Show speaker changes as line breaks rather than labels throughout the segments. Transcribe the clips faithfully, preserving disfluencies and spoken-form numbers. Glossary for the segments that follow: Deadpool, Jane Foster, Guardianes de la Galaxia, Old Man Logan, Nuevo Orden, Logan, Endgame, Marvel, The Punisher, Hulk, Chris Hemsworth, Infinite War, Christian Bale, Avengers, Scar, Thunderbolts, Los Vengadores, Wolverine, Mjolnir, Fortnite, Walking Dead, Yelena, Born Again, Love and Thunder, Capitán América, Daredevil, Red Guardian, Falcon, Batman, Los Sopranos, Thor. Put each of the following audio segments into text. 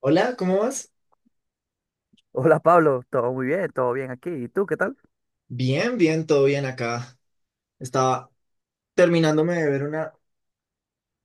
Hola, ¿cómo vas?
Hola Pablo, todo muy bien, todo bien aquí. ¿Y tú qué tal?
Bien, bien, todo bien acá. Estaba terminándome de ver una,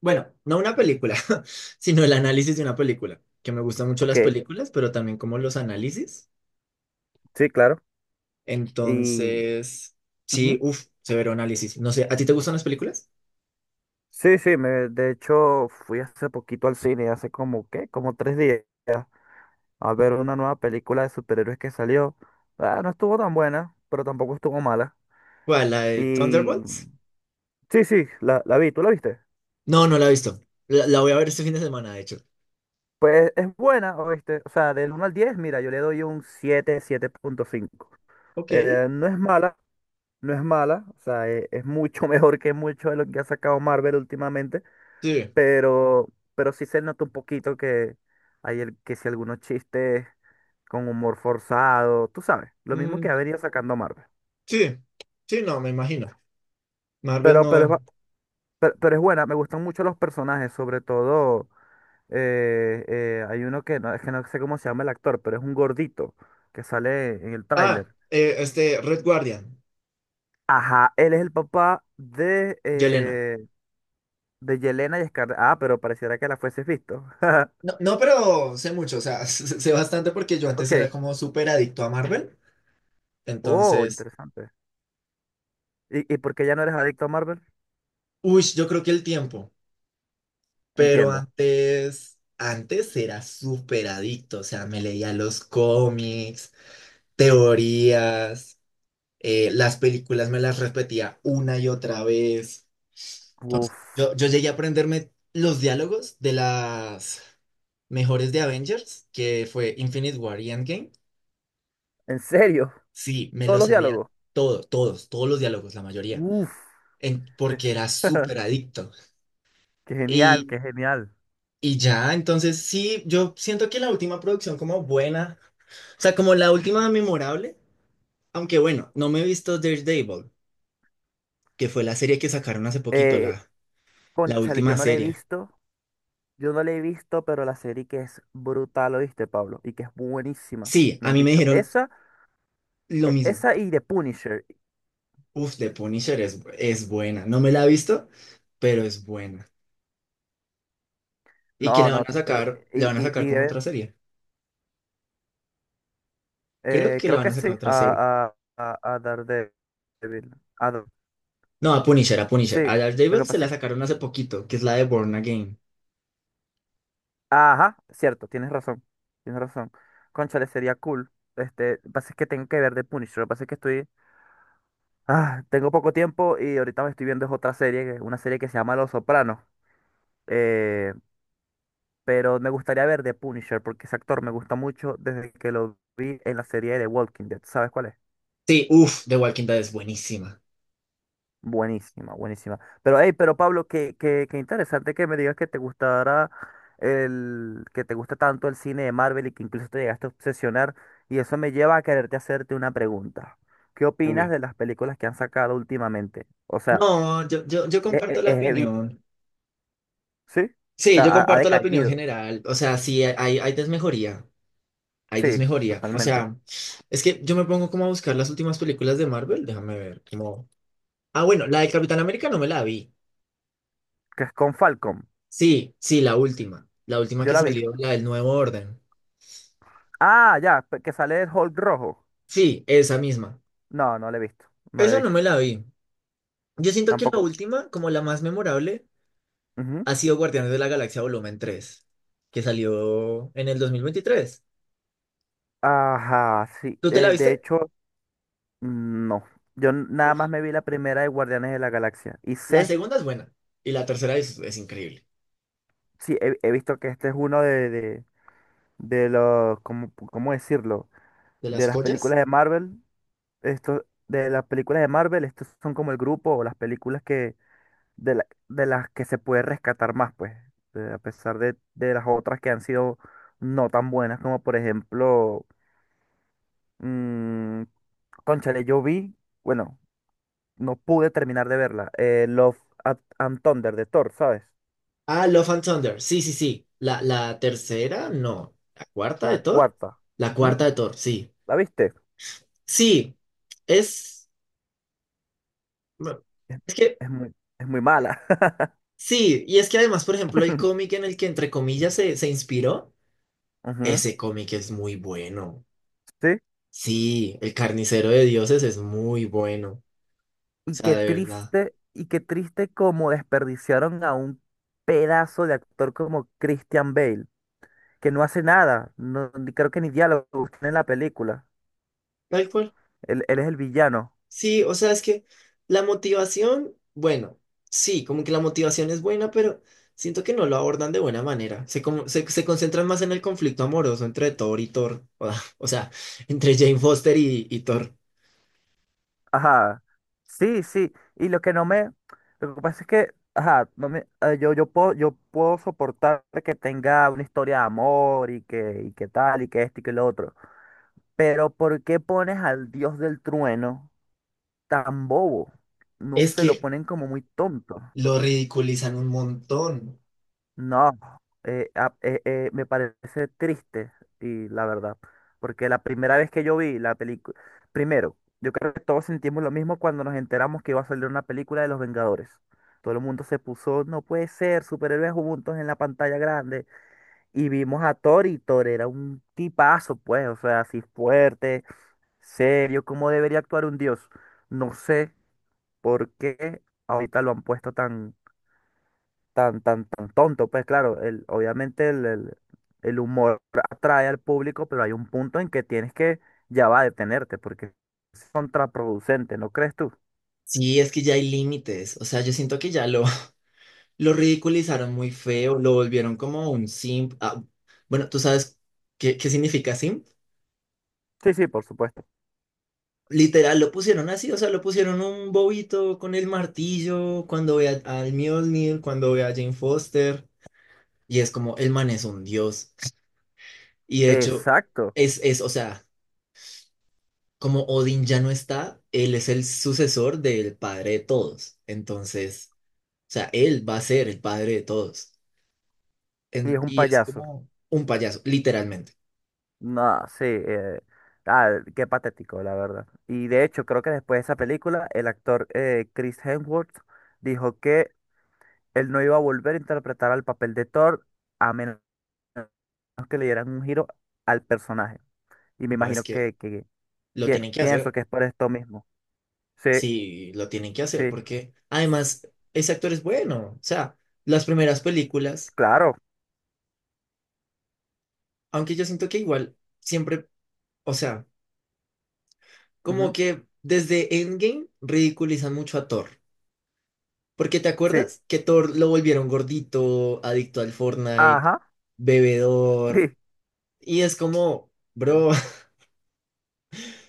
bueno, no una película, sino el análisis de una película, que me gustan mucho
Ok,
las películas, pero también como los análisis.
sí, claro. Y
Entonces, sí,
ujú.
uff, severo análisis. No sé, ¿a ti te gustan las películas?
Sí, sí, me, de hecho fui hace poquito al cine, hace como, ¿qué? Como tres días, a ver una nueva película de superhéroes que salió. Ah, no estuvo tan buena, pero tampoco estuvo mala.
¿Cuál, la de
Y
Thunderbolts?
sí, sí, la, la vi. ¿Tú la viste?
No, no la he visto. La, la voy a ver este fin de semana, de hecho.
Pues es buena, ¿oíste? O sea, del uno al diez, mira, yo le doy un siete, siete punto cinco.
Ok,
Eh, no es mala, no es mala, o sea, e- es mucho mejor que mucho de lo que ha sacado Marvel últimamente.
sí,
pero, pero sí se nota un poquito que hay el, que si algunos chistes con humor forzado, tú sabes, lo mismo que ha
mm,
venido sacando Marvel.
sí, sí, no, me imagino. Marvel
Pero, pero, es, ba-
no.
pero, pero es buena. Me gustan mucho los personajes, sobre todo eh, eh, hay uno que no, es que no sé cómo se llama el actor, pero es un gordito que sale en el
Ah,
tráiler.
eh, este, Red Guardian,
Ajá, él es el papá de,
Yelena.
eh, de Yelena y Scar. Ah, pero pareciera que la fueses visto.
No, no, pero sé mucho, o sea, sé bastante porque yo antes era
Ok.
como súper adicto a Marvel.
Oh,
Entonces,
interesante. ¿Y, y por qué ya no eres adicto a Marvel?
uy, yo creo que el tiempo, pero
Entiendo.
antes, antes era súper adicto, o sea, me leía los cómics, teorías, eh, las películas me las repetía una y otra vez.
Uf,
Yo, yo llegué a aprenderme los diálogos de las mejores de Avengers, que fue Infinite War y Endgame.
¿en serio?
Sí, me
¿Todos
los
los
sabía
diálogos?
todo, todos, todos los diálogos, la mayoría.
Uf,
En- porque era súper adicto.
qué genial,
Y,
qué genial.
y ya, entonces sí, yo siento que la última producción como buena, o sea, como la última memorable, aunque bueno, no me he visto Daredevil, que fue la serie que sacaron hace poquito,
Eh,
la, la
cónchale, yo
última
no la he
serie.
visto, yo no la he visto, pero la serie que es brutal, ¿oíste, Pablo? Y que es buenísima.
Sí,
Me
a
han
mí me
dicho,
dijeron
esa,
lo
e-
mismo.
esa y The Punisher.
Uf, The Punisher es, es buena. No me la he visto, pero es buena. Y que
No,
le van
no,
a
eh,
sacar,
y,
le van a
y,
sacar
y
como
de-
otra serie. Creo
eh,
que le
creo
van
que
a sacar
sí,
otra serie.
a, a, a, a Daredevil. A Dar-
No, a Punisher, a Punisher.
sí,
A
lo
Daredevil
que
se
pasa
la sacaron hace poquito, que es la de Born Again.
ajá, cierto, tienes razón, tienes razón. Cónchale, sería cool. Este, lo que pasa es que tengo que ver The Punisher, lo que pasa es que estoy... Ah, tengo poco tiempo y ahorita me estoy viendo es otra serie, que- una serie que se llama Los Sopranos. Eh, pero me gustaría ver The Punisher porque ese actor me gusta mucho desde que lo vi en la serie de Walking Dead. ¿Sabes cuál es?
Sí, uff, The Walking Dead es buenísima.
Buenísima, buenísima. Pero, hey, pero Pablo, qué, qué, qué interesante que me digas que te gustara el, que te gusta tanto el cine de Marvel y que incluso te llegaste a obsesionar. Y eso me lleva a quererte hacerte una pregunta. ¿Qué opinas
Uy.
de las películas que han sacado últimamente? O sea,
No, yo, yo, yo
es, es-
comparto la
es heavy,
opinión.
¿sí? O
Sí,
sea,
yo
ha, ha
comparto la opinión
decaído.
general. O sea, sí, hay, hay desmejoría. Hay
Sí,
desmejoría. O
totalmente.
sea, es que yo me pongo como a buscar las últimas películas de Marvel. Déjame ver. Como... Ah, bueno, la de Capitán América no me la vi.
Que es con Falcon.
Sí, sí, la última. La última
Yo
que
la vi.
salió, la del Nuevo Orden.
Ah, ya, pe- que sale el Hulk rojo.
Sí, esa misma.
No, no la he visto. No la he
Esa no
visto.
me la vi. Yo siento que la
Tampoco.
última, como la más memorable,
Ujú.
ha sido Guardianes de la Galaxia Volumen tres, que salió en el dos mil veintitrés.
Ajá, sí.
¿Tú te la
Eh, de
viste?
hecho. No, yo n- nada más
Uf.
me vi la primera de Guardianes de la Galaxia. Y
La
sé,
segunda es buena y la tercera es, es increíble.
sí, he, he visto que este es uno de, de, de los, ¿cómo, cómo decirlo?
¿De
De
las
las
joyas?
películas de Marvel, esto, de las películas de Marvel, estos son como el grupo o las películas que, de, la- de las que se puede rescatar más, pues, eh, a pesar de, de las otras que han sido no tan buenas, como por ejemplo, mm, cónchale, yo vi, bueno, no pude terminar de verla, eh, Love At- and Thunder de Thor, ¿sabes?
Ah, Love and Thunder. Sí, sí, sí. La, la tercera, no. ¿La cuarta de
La
Thor?
cuarta.
La
Ujú.
cuarta de Thor, sí.
¿La viste?
Sí, es... bueno,
Es,
es que,
es muy, es muy mala.
sí, y es que además, por ejemplo, el cómic en el que entre comillas se, se inspiró,
Ujú.
ese cómic es muy bueno.
Sí.
Sí, El Carnicero de Dioses es muy bueno.
Y
Sea,
qué
de verdad.
triste, y qué triste como desperdiciaron a un pedazo de actor como Christian Bale, que no hace nada, no, ni- creo que ni diálogo tiene en la película.
Tal cual.
Él, él es el villano.
Sí, o sea, es que la motivación, bueno, sí, como que la motivación es buena, pero siento que no lo abordan de buena manera. Se, como- se, se concentran más en el conflicto amoroso entre Thor y Thor. O, sea, entre Jane Foster y, y Thor.
Ajá. Sí, sí. Y lo que no me, lo que pasa es que, ajá, no me, eh, yo, yo puedo, yo puedo soportar que tenga una historia de amor y que, y que tal, y que esto y que lo otro. Pero ¿por qué pones al dios del trueno tan bobo? No
Es
se lo
que
ponen como muy tonto.
lo ridiculizan un montón.
No, eh, a- eh, eh, me parece triste y la verdad, porque la primera vez que yo vi la película, primero, yo creo que todos sentimos lo mismo cuando nos enteramos que iba a salir una película de Los Vengadores. Todo el mundo se puso, no puede ser, superhéroes juntos en la pantalla grande. Y vimos a Thor, y Thor era un tipazo, pues, o sea, así fuerte, serio, cómo debería actuar un dios. No sé por qué ahorita lo han puesto tan, tan, tan, tan tonto. Pues claro, el, obviamente el, el- el humor atrae al público, pero hay un punto en que tienes que ya va a detenerte, porque es contraproducente, ¿no crees tú?
Sí, es que ya hay límites. O sea, yo siento que ya lo, lo ridiculizaron muy feo, lo volvieron como un simp. Ah, bueno, ¿tú sabes qué, qué significa simp?
Sí, sí, por supuesto.
Literal, lo pusieron así, o sea, lo pusieron un bobito con el martillo, cuando ve a- al Mjolnir, cuando ve a Jane Foster, y es como, el man es un dios. Y de hecho,
Exacto.
es, es, o sea, como Odín ya no está, él es el sucesor del padre de todos. Entonces, o sea, él va a ser el padre de todos.
Y es
En-
un
y es
payaso.
como un payaso, literalmente.
No, sí, eh, ah, qué patético, la verdad. Y de hecho, creo que después de esa película, el actor eh, Chris Hemsworth dijo que él no iba a volver a interpretar al papel de Thor a menos que le dieran un giro al personaje. Y me
No es
imagino
que
que, que
lo
pi-
tienen que
pienso
hacer.
que es por esto mismo. Sí,
Sí, lo tienen que hacer
sí,
porque además ese actor es bueno. O sea, las primeras películas,
claro.
aunque yo siento que igual siempre, o sea, como
Ujú.
que desde Endgame ridiculizan mucho a Thor. Porque ¿te
Sí,
acuerdas que Thor lo volvieron gordito, adicto al Fortnite,
ajá,
bebedor?
sí.
Y es como,
Sí.
bro,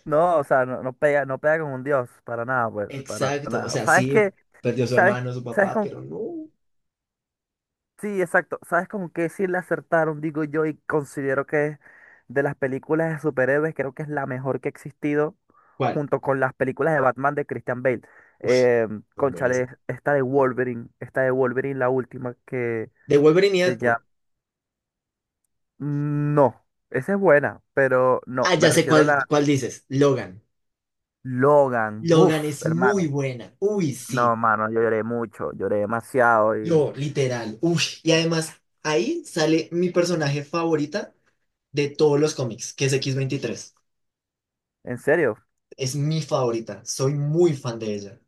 No, o sea, no, no pega, no pega con un dios, para nada, pues, para
exacto. O
nada.
sea,
¿Sabes
sí,
qué?
perdió a su
¿Sabes,
hermano, a su
sabes
papá,
con,
pero no.
sí, exacto, ¿sabes con qué sí le acertaron, digo yo, y considero que es de las películas de superhéroes, creo que es la mejor que ha existido,
¿Cuál?
junto con las películas de Batman de Christian Bale?
Uf,
Eh,
son
cónchale,
buenísimos.
esta de Wolverine, esta de Wolverine, la última que
De Wolverine y
se llama...
Deadpool.
No, esa es buena, pero no,
Ah,
me
ya sé
refiero a
cuál,
la
cuál dices, Logan.
Logan.
Logan
Buf,
es
hermano.
muy buena. Uy,
No,
sí.
mano, yo lloré mucho, lloré demasiado y...
Yo, literal. Uy. Y además, ahí sale mi personaje favorita de todos los cómics, que es x veintitrés,
En serio,
es mi favorita. Soy muy fan de ella.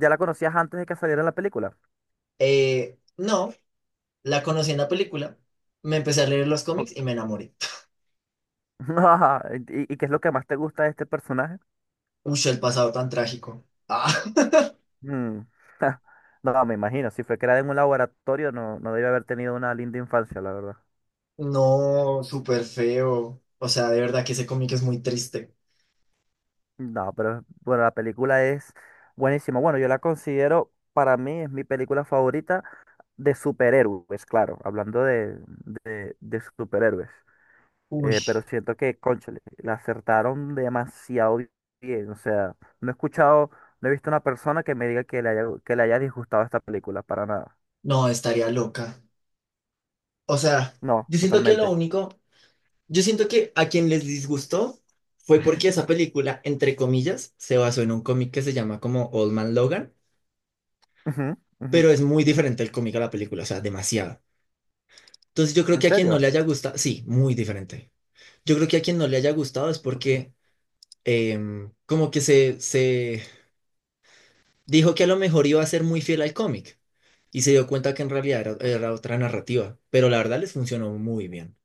¿ya la conocías antes de que saliera la película?
Eh, no, la conocí en la película. Me empecé a leer los
O-
cómics y me enamoré.
¿Y, y qué es lo que más te gusta de este personaje?
Uy, el pasado tan trágico. Ah,
Mm, no, me imagino, si fue creada en un laboratorio, no, no debe haber tenido una linda infancia, la verdad.
no, súper feo. O sea, de verdad que ese cómic es muy triste.
No, pero bueno, la película es buenísima. Bueno, yo la considero, para mí es mi película favorita de superhéroes, claro, hablando de, de, de superhéroes.
Uy,
Eh, pero siento que, cónchale, la acertaron demasiado bien. O sea, no he escuchado, no he visto una persona que me diga que le haya, que le haya disgustado esta película, para nada.
no, estaría loca. O sea,
No,
yo siento que lo
totalmente.
único. Yo siento que a quien les disgustó fue porque esa película, entre comillas, se basó en un cómic que se llama como Old Man Logan,
Ujú, ujú,
pero es muy
ujú.
diferente el cómic a la película, o sea, demasiado. Entonces yo creo
¿En
que a quien no
serio?
le haya gustado, sí, muy diferente. Yo creo que a quien no le haya gustado es
Ok.
porque em, como que se, se dijo que a lo mejor iba a ser muy fiel al cómic y se dio cuenta que en realidad era, era otra narrativa, pero la verdad les funcionó muy bien.